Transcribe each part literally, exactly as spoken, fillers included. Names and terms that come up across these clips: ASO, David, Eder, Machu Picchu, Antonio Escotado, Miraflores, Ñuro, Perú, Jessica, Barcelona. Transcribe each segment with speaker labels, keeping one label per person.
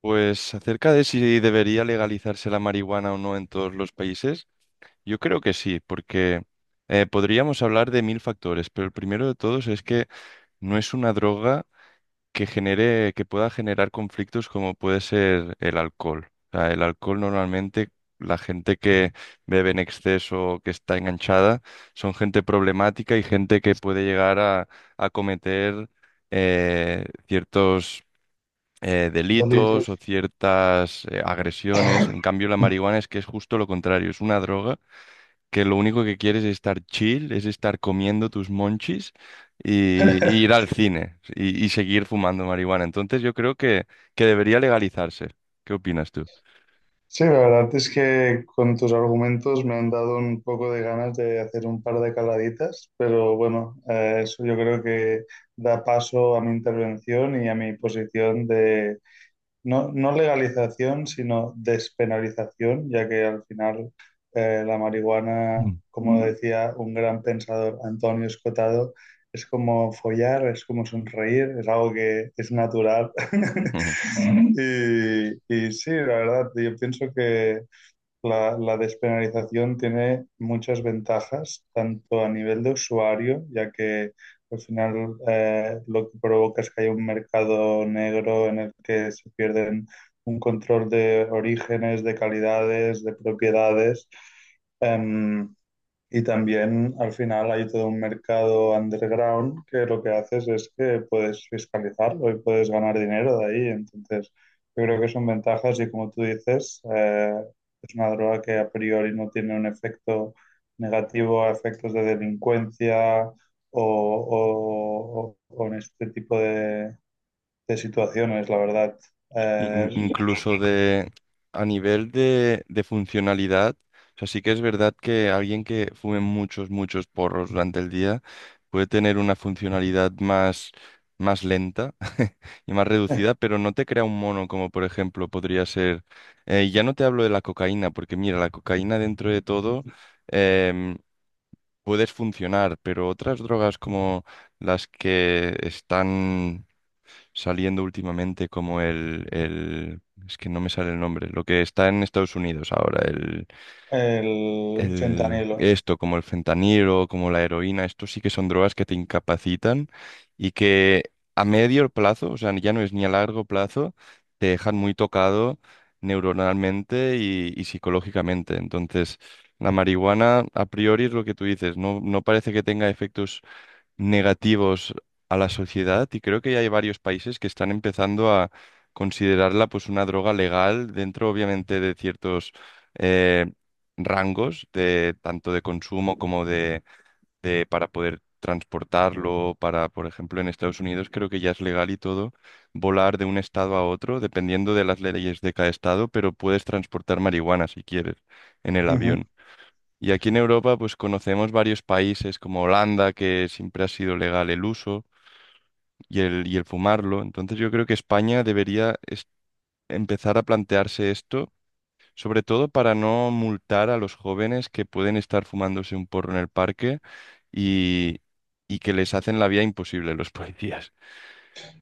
Speaker 1: Pues acerca de si debería legalizarse la marihuana o no en todos los países, yo creo que sí, porque eh, podríamos hablar de mil factores, pero el primero de todos es que no es una droga que genere, que pueda generar conflictos como puede ser el alcohol. O sea, el alcohol normalmente, la gente que bebe en exceso o que está enganchada, son gente problemática y gente que puede llegar a, a cometer eh, ciertos eh, delitos o
Speaker 2: Delitos.
Speaker 1: ciertas eh, agresiones. En cambio, la marihuana es que es justo lo contrario, es una droga que lo único que quieres es estar chill, es estar comiendo tus monchis y, y ir al cine y, y seguir fumando marihuana. Entonces yo creo que, que debería legalizarse. ¿Qué opinas tú?
Speaker 2: Sí, la verdad es que con tus argumentos me han dado un poco de ganas de hacer un par de caladitas, pero bueno, eh, eso yo creo que da paso a mi intervención y a mi posición de No, no legalización, sino despenalización, ya que al final eh, la marihuana,
Speaker 1: Mm.
Speaker 2: como Mm. decía un gran pensador, Antonio Escotado, es como follar, es como sonreír, es algo que es natural. Mm. Y, y sí, la verdad, yo pienso que la, la despenalización tiene muchas ventajas, tanto a nivel de usuario, ya que al final eh, lo que provoca es que hay un mercado negro en el que se pierden un control de orígenes, de calidades, de propiedades. Em, y también al final hay todo un mercado underground que lo que haces es que puedes fiscalizarlo y puedes ganar dinero de ahí. Entonces, yo creo que son ventajas y como tú dices, eh, es una droga que a priori no tiene un efecto negativo a efectos de delincuencia o, o- o- o en este tipo de, de situaciones, la verdad.
Speaker 1: in-
Speaker 2: Eh,
Speaker 1: incluso de a nivel de, de funcionalidad. O sea, sí que es verdad que alguien que fume muchos, muchos porros durante el día puede tener una funcionalidad más, más lenta y más reducida, pero no te crea un mono como por ejemplo podría ser... eh, ya no te hablo de la cocaína, porque mira, la cocaína dentro de todo em, puedes funcionar, pero otras drogas como las que están saliendo últimamente como el, el- es que no me sale el nombre. Lo que está en Estados Unidos ahora, el,
Speaker 2: el
Speaker 1: el...
Speaker 2: fentanilo.
Speaker 1: Esto, como el fentanilo, como la heroína, esto sí que son drogas que te incapacitan y que a medio plazo, o sea, ya no es ni a largo plazo, te dejan muy tocado neuronalmente y, y psicológicamente. Entonces, la marihuana, a priori, es lo que tú dices, no, no parece que tenga efectos negativos a la sociedad y creo que ya hay varios países que están empezando a considerarla pues una droga legal dentro obviamente de ciertos eh, rangos de tanto de consumo como de, de para poder transportarlo, para por ejemplo en Estados Unidos creo que ya es legal y todo volar de un estado a otro dependiendo de las leyes de cada estado, pero puedes transportar marihuana si quieres en el avión. Y aquí en Europa, pues conocemos varios países como Holanda, que siempre ha sido legal el uso y el, y el fumarlo. Entonces yo creo que España debería es- empezar a plantearse esto, sobre todo para no multar a los jóvenes que pueden estar fumándose un porro en el parque y, y que les hacen la vida imposible los policías.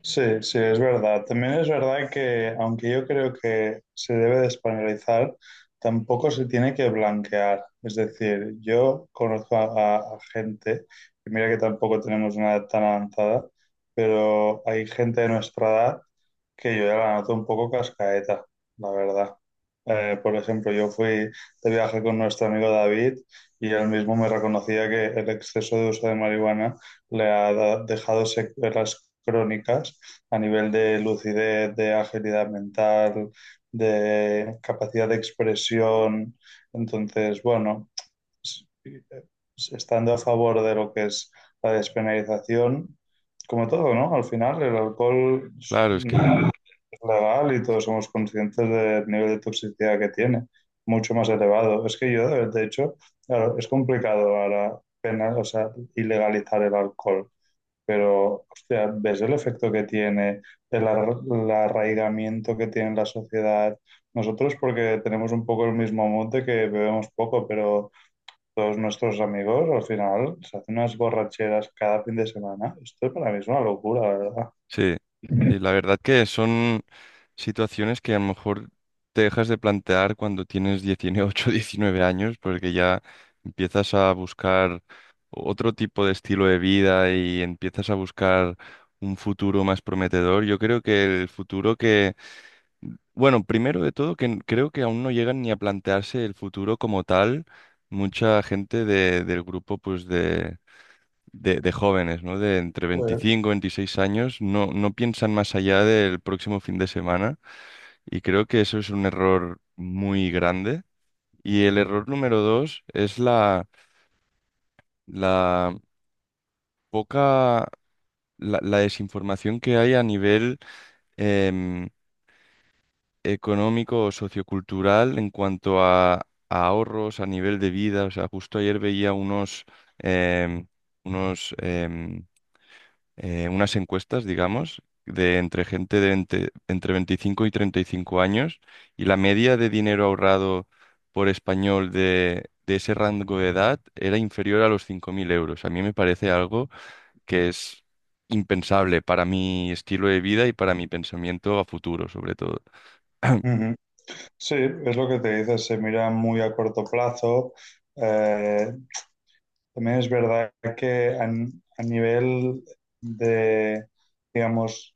Speaker 2: Sí, sí, es verdad. También es verdad que, aunque yo creo que se debe de españolizar, tampoco se tiene que blanquear. Es decir, yo conozco a, a- a gente, y mira que tampoco tenemos una edad tan avanzada, pero hay gente de nuestra edad que yo ya la noto un poco cascaeta, la verdad. Eh, por ejemplo, yo fui de viaje con nuestro amigo David y él mismo me reconocía que el exceso de uso de marihuana le ha da- dejado secuelas crónicas a nivel de lucidez, de agilidad mental, de capacidad de expresión. Entonces, bueno, s- eh, estando a favor de lo que es la despenalización, como todo, ¿no? Al final, el alcohol
Speaker 1: Claro, es que
Speaker 2: legal, y todos somos conscientes del nivel de toxicidad que tiene, mucho más elevado. Es que yo, de de hecho, claro, es complicado ahora penal, o sea, ilegalizar el alcohol, pero, hostia, ves el efecto que tiene, el, ar- el arraigamiento que tiene en la sociedad. Nosotros, porque tenemos un poco el mismo mood de que bebemos poco, pero todos nuestros amigos al final se hacen unas borracheras cada fin de semana. Esto para mí es una locura, la verdad.
Speaker 1: sí, sí, la verdad que son situaciones que a lo mejor te dejas de plantear cuando tienes dieciocho, diecinueve años, porque ya empiezas a buscar otro tipo de estilo de vida y empiezas a buscar un futuro más prometedor. Yo creo que el futuro que, bueno, primero de todo, que n- creo que aún no llegan ni a plantearse el futuro como tal. Mucha gente de- del grupo, pues de de, de jóvenes, ¿no? De entre
Speaker 2: Pues,
Speaker 1: veinticinco y veintiséis años, no, no piensan más allá del próximo fin de semana y creo que eso es un error muy grande. Y el error número dos es la, la poca, la, la desinformación que hay a nivel em, económico o sociocultural en cuanto a, a ahorros, a nivel de vida. O sea, justo ayer veía unos... em, unos em, eh, unas encuestas, digamos, de entre gente de entre, entre veinticinco y treinta y cinco años y la media de dinero ahorrado por español de, de ese rango de edad era inferior a los cinco mil euros. A mí me parece algo que es impensable para mi estilo de vida y para mi pensamiento a futuro, sobre todo.
Speaker 2: Ujú. Sí, es lo que te dices, se mira muy a corto plazo. Eh, También es verdad que a, n- a nivel de, digamos,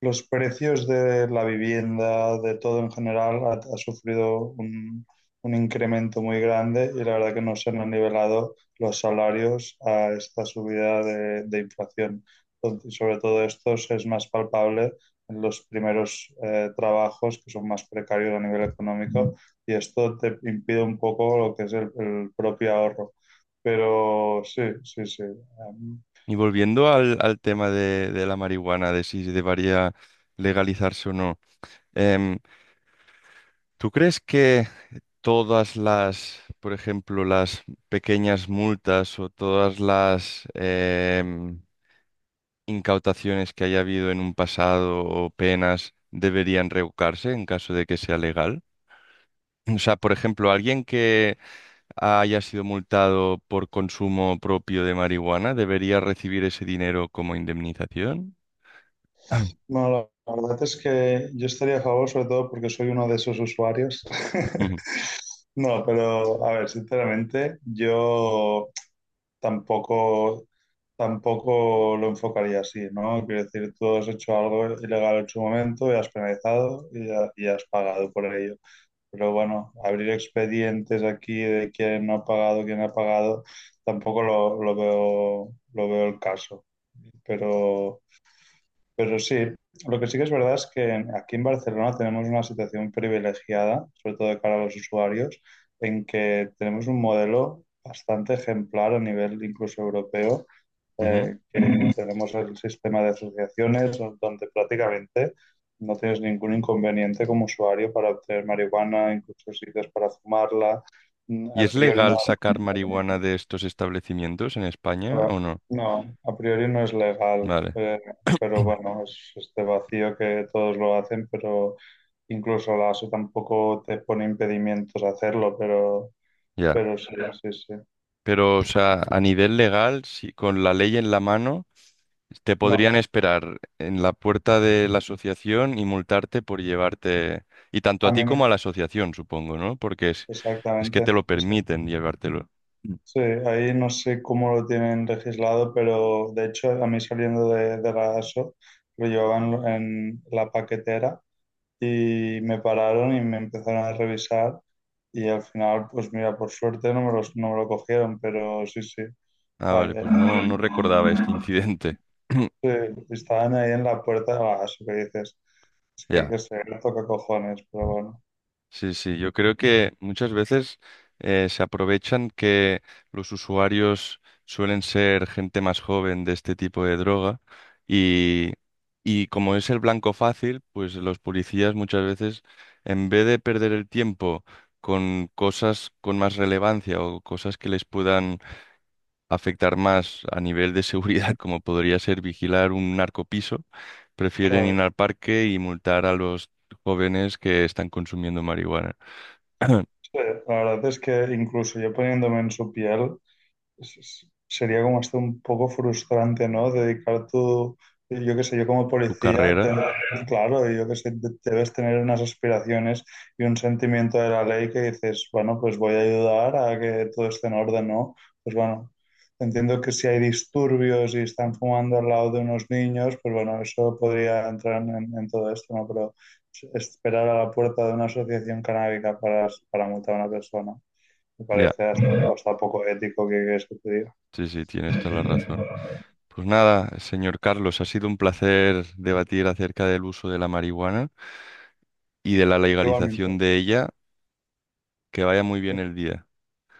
Speaker 2: los precios de la vivienda, de todo en general, ha, ha sufrido un, un incremento muy grande, y la verdad que no se han nivelado los salarios a esta subida de, de inflación. Entonces, sobre todo esto es más palpable en los primeros eh, trabajos que son más precarios a nivel económico, y esto te impide un poco lo que es el, el propio ahorro. Pero sí, sí, sí. Um,
Speaker 1: Y volviendo al, al tema de, de la marihuana, de si debería legalizarse o no, em, ¿tú crees que... todas las, por ejemplo, las pequeñas multas o todas las em, incautaciones que haya habido en un pasado o penas deberían revocarse en caso de que sea legal? O sea, por ejemplo, alguien que haya sido multado por consumo propio de marihuana debería recibir ese dinero como indemnización. Ah.
Speaker 2: No, la la verdad es que yo estaría a favor, sobre todo porque soy uno de esos usuarios.
Speaker 1: Ujú,
Speaker 2: No, pero a ver, sinceramente, yo tampoco, tampoco lo enfocaría así, ¿no? Quiero decir, tú has hecho algo ilegal en su momento y has penalizado y, ha- y has pagado por ello. Pero bueno, abrir expedientes aquí de quién no ha pagado, quién no ha pagado, tampoco lo, lo veo, lo veo el caso. Pero. Pero sí, lo que sí que es verdad es que aquí en Barcelona tenemos una situación privilegiada, sobre todo de cara a los usuarios, en que tenemos un modelo bastante ejemplar a nivel incluso europeo,
Speaker 1: ujú.
Speaker 2: eh, que tenemos el sistema de asociaciones donde prácticamente no tienes ningún inconveniente como usuario para obtener marihuana, incluso sitios para fumarla. Mm,
Speaker 1: ¿Y
Speaker 2: a
Speaker 1: es
Speaker 2: priori no.
Speaker 1: legal sacar marihuana de estos establecimientos en España
Speaker 2: Ah,
Speaker 1: o no?
Speaker 2: no, a priori no es legal,
Speaker 1: Vale,
Speaker 2: eh, pero bueno, es este vacío que todos lo hacen, pero incluso la A S O tampoco te pone impedimentos a hacerlo, pero,
Speaker 1: ya.
Speaker 2: pero sí, ya. Sí, sí.
Speaker 1: Pero, o sea, a nivel legal, si con la ley en la mano, te
Speaker 2: No,
Speaker 1: podrían esperar en la puerta de la asociación y multarte por llevarte, y tanto a
Speaker 2: a
Speaker 1: ti
Speaker 2: mí me...
Speaker 1: como a la asociación, supongo, ¿no? Porque es, es que te
Speaker 2: Exactamente
Speaker 1: lo
Speaker 2: eso.
Speaker 1: permiten llevártelo.
Speaker 2: Sí, ahí no sé cómo lo tienen legislado, pero de hecho a mí, saliendo de, de la A S O, lo llevaban en la paquetera y me pararon y me empezaron a revisar. Y al final, pues mira, por suerte no me los, no me lo cogieron, pero sí, sí.
Speaker 1: Ah,
Speaker 2: Ahí,
Speaker 1: vale,
Speaker 2: ahí.
Speaker 1: pues no, no recordaba este incidente.
Speaker 2: Sí, estaban ahí en la puerta, ah, eso que dices, es que hay que
Speaker 1: Ya.
Speaker 2: ser toca cojones, pero bueno.
Speaker 1: Sí, sí, yo creo que muchas veces eh, se aprovechan que los usuarios suelen ser gente más joven de este tipo de droga y, y como es el blanco fácil, pues los policías muchas veces, en vez de perder el tiempo con cosas con más relevancia o cosas que les puedan afectar más a nivel de seguridad, como podría ser vigilar un narcopiso, prefieren
Speaker 2: Claro,
Speaker 1: ir al parque y multar a los jóvenes que están consumiendo marihuana.
Speaker 2: sí, la verdad es que incluso yo poniéndome en su piel, es- es- sería como hasta un poco frustrante, ¿no? Dedicar tu, yo qué sé, yo como
Speaker 1: Tu
Speaker 2: policía,
Speaker 1: carrera.
Speaker 2: ten- claro, yo qué sé, de- debes tener unas aspiraciones y un sentimiento de la ley que dices, bueno, pues voy a ayudar a que todo esté en orden, ¿no? Pues bueno, entiendo que si hay disturbios y están fumando al lado de unos niños, pues bueno, eso podría entrar en, en todo esto, ¿no? Pero esperar a la puerta de una asociación canábica para, para multar a una persona. Me
Speaker 1: Ya,
Speaker 2: parece hasta, hasta poco ético que, que eso te diga.
Speaker 1: sí, sí, tienes toda la razón. Pues nada, señor Carlos, ha sido un placer debatir acerca del uso de la marihuana y de la
Speaker 2: Igualmente,
Speaker 1: legalización de ella. Que vaya muy bien el día.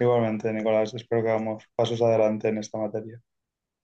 Speaker 2: igualmente, Nicolás, espero que hagamos pasos adelante en esta materia.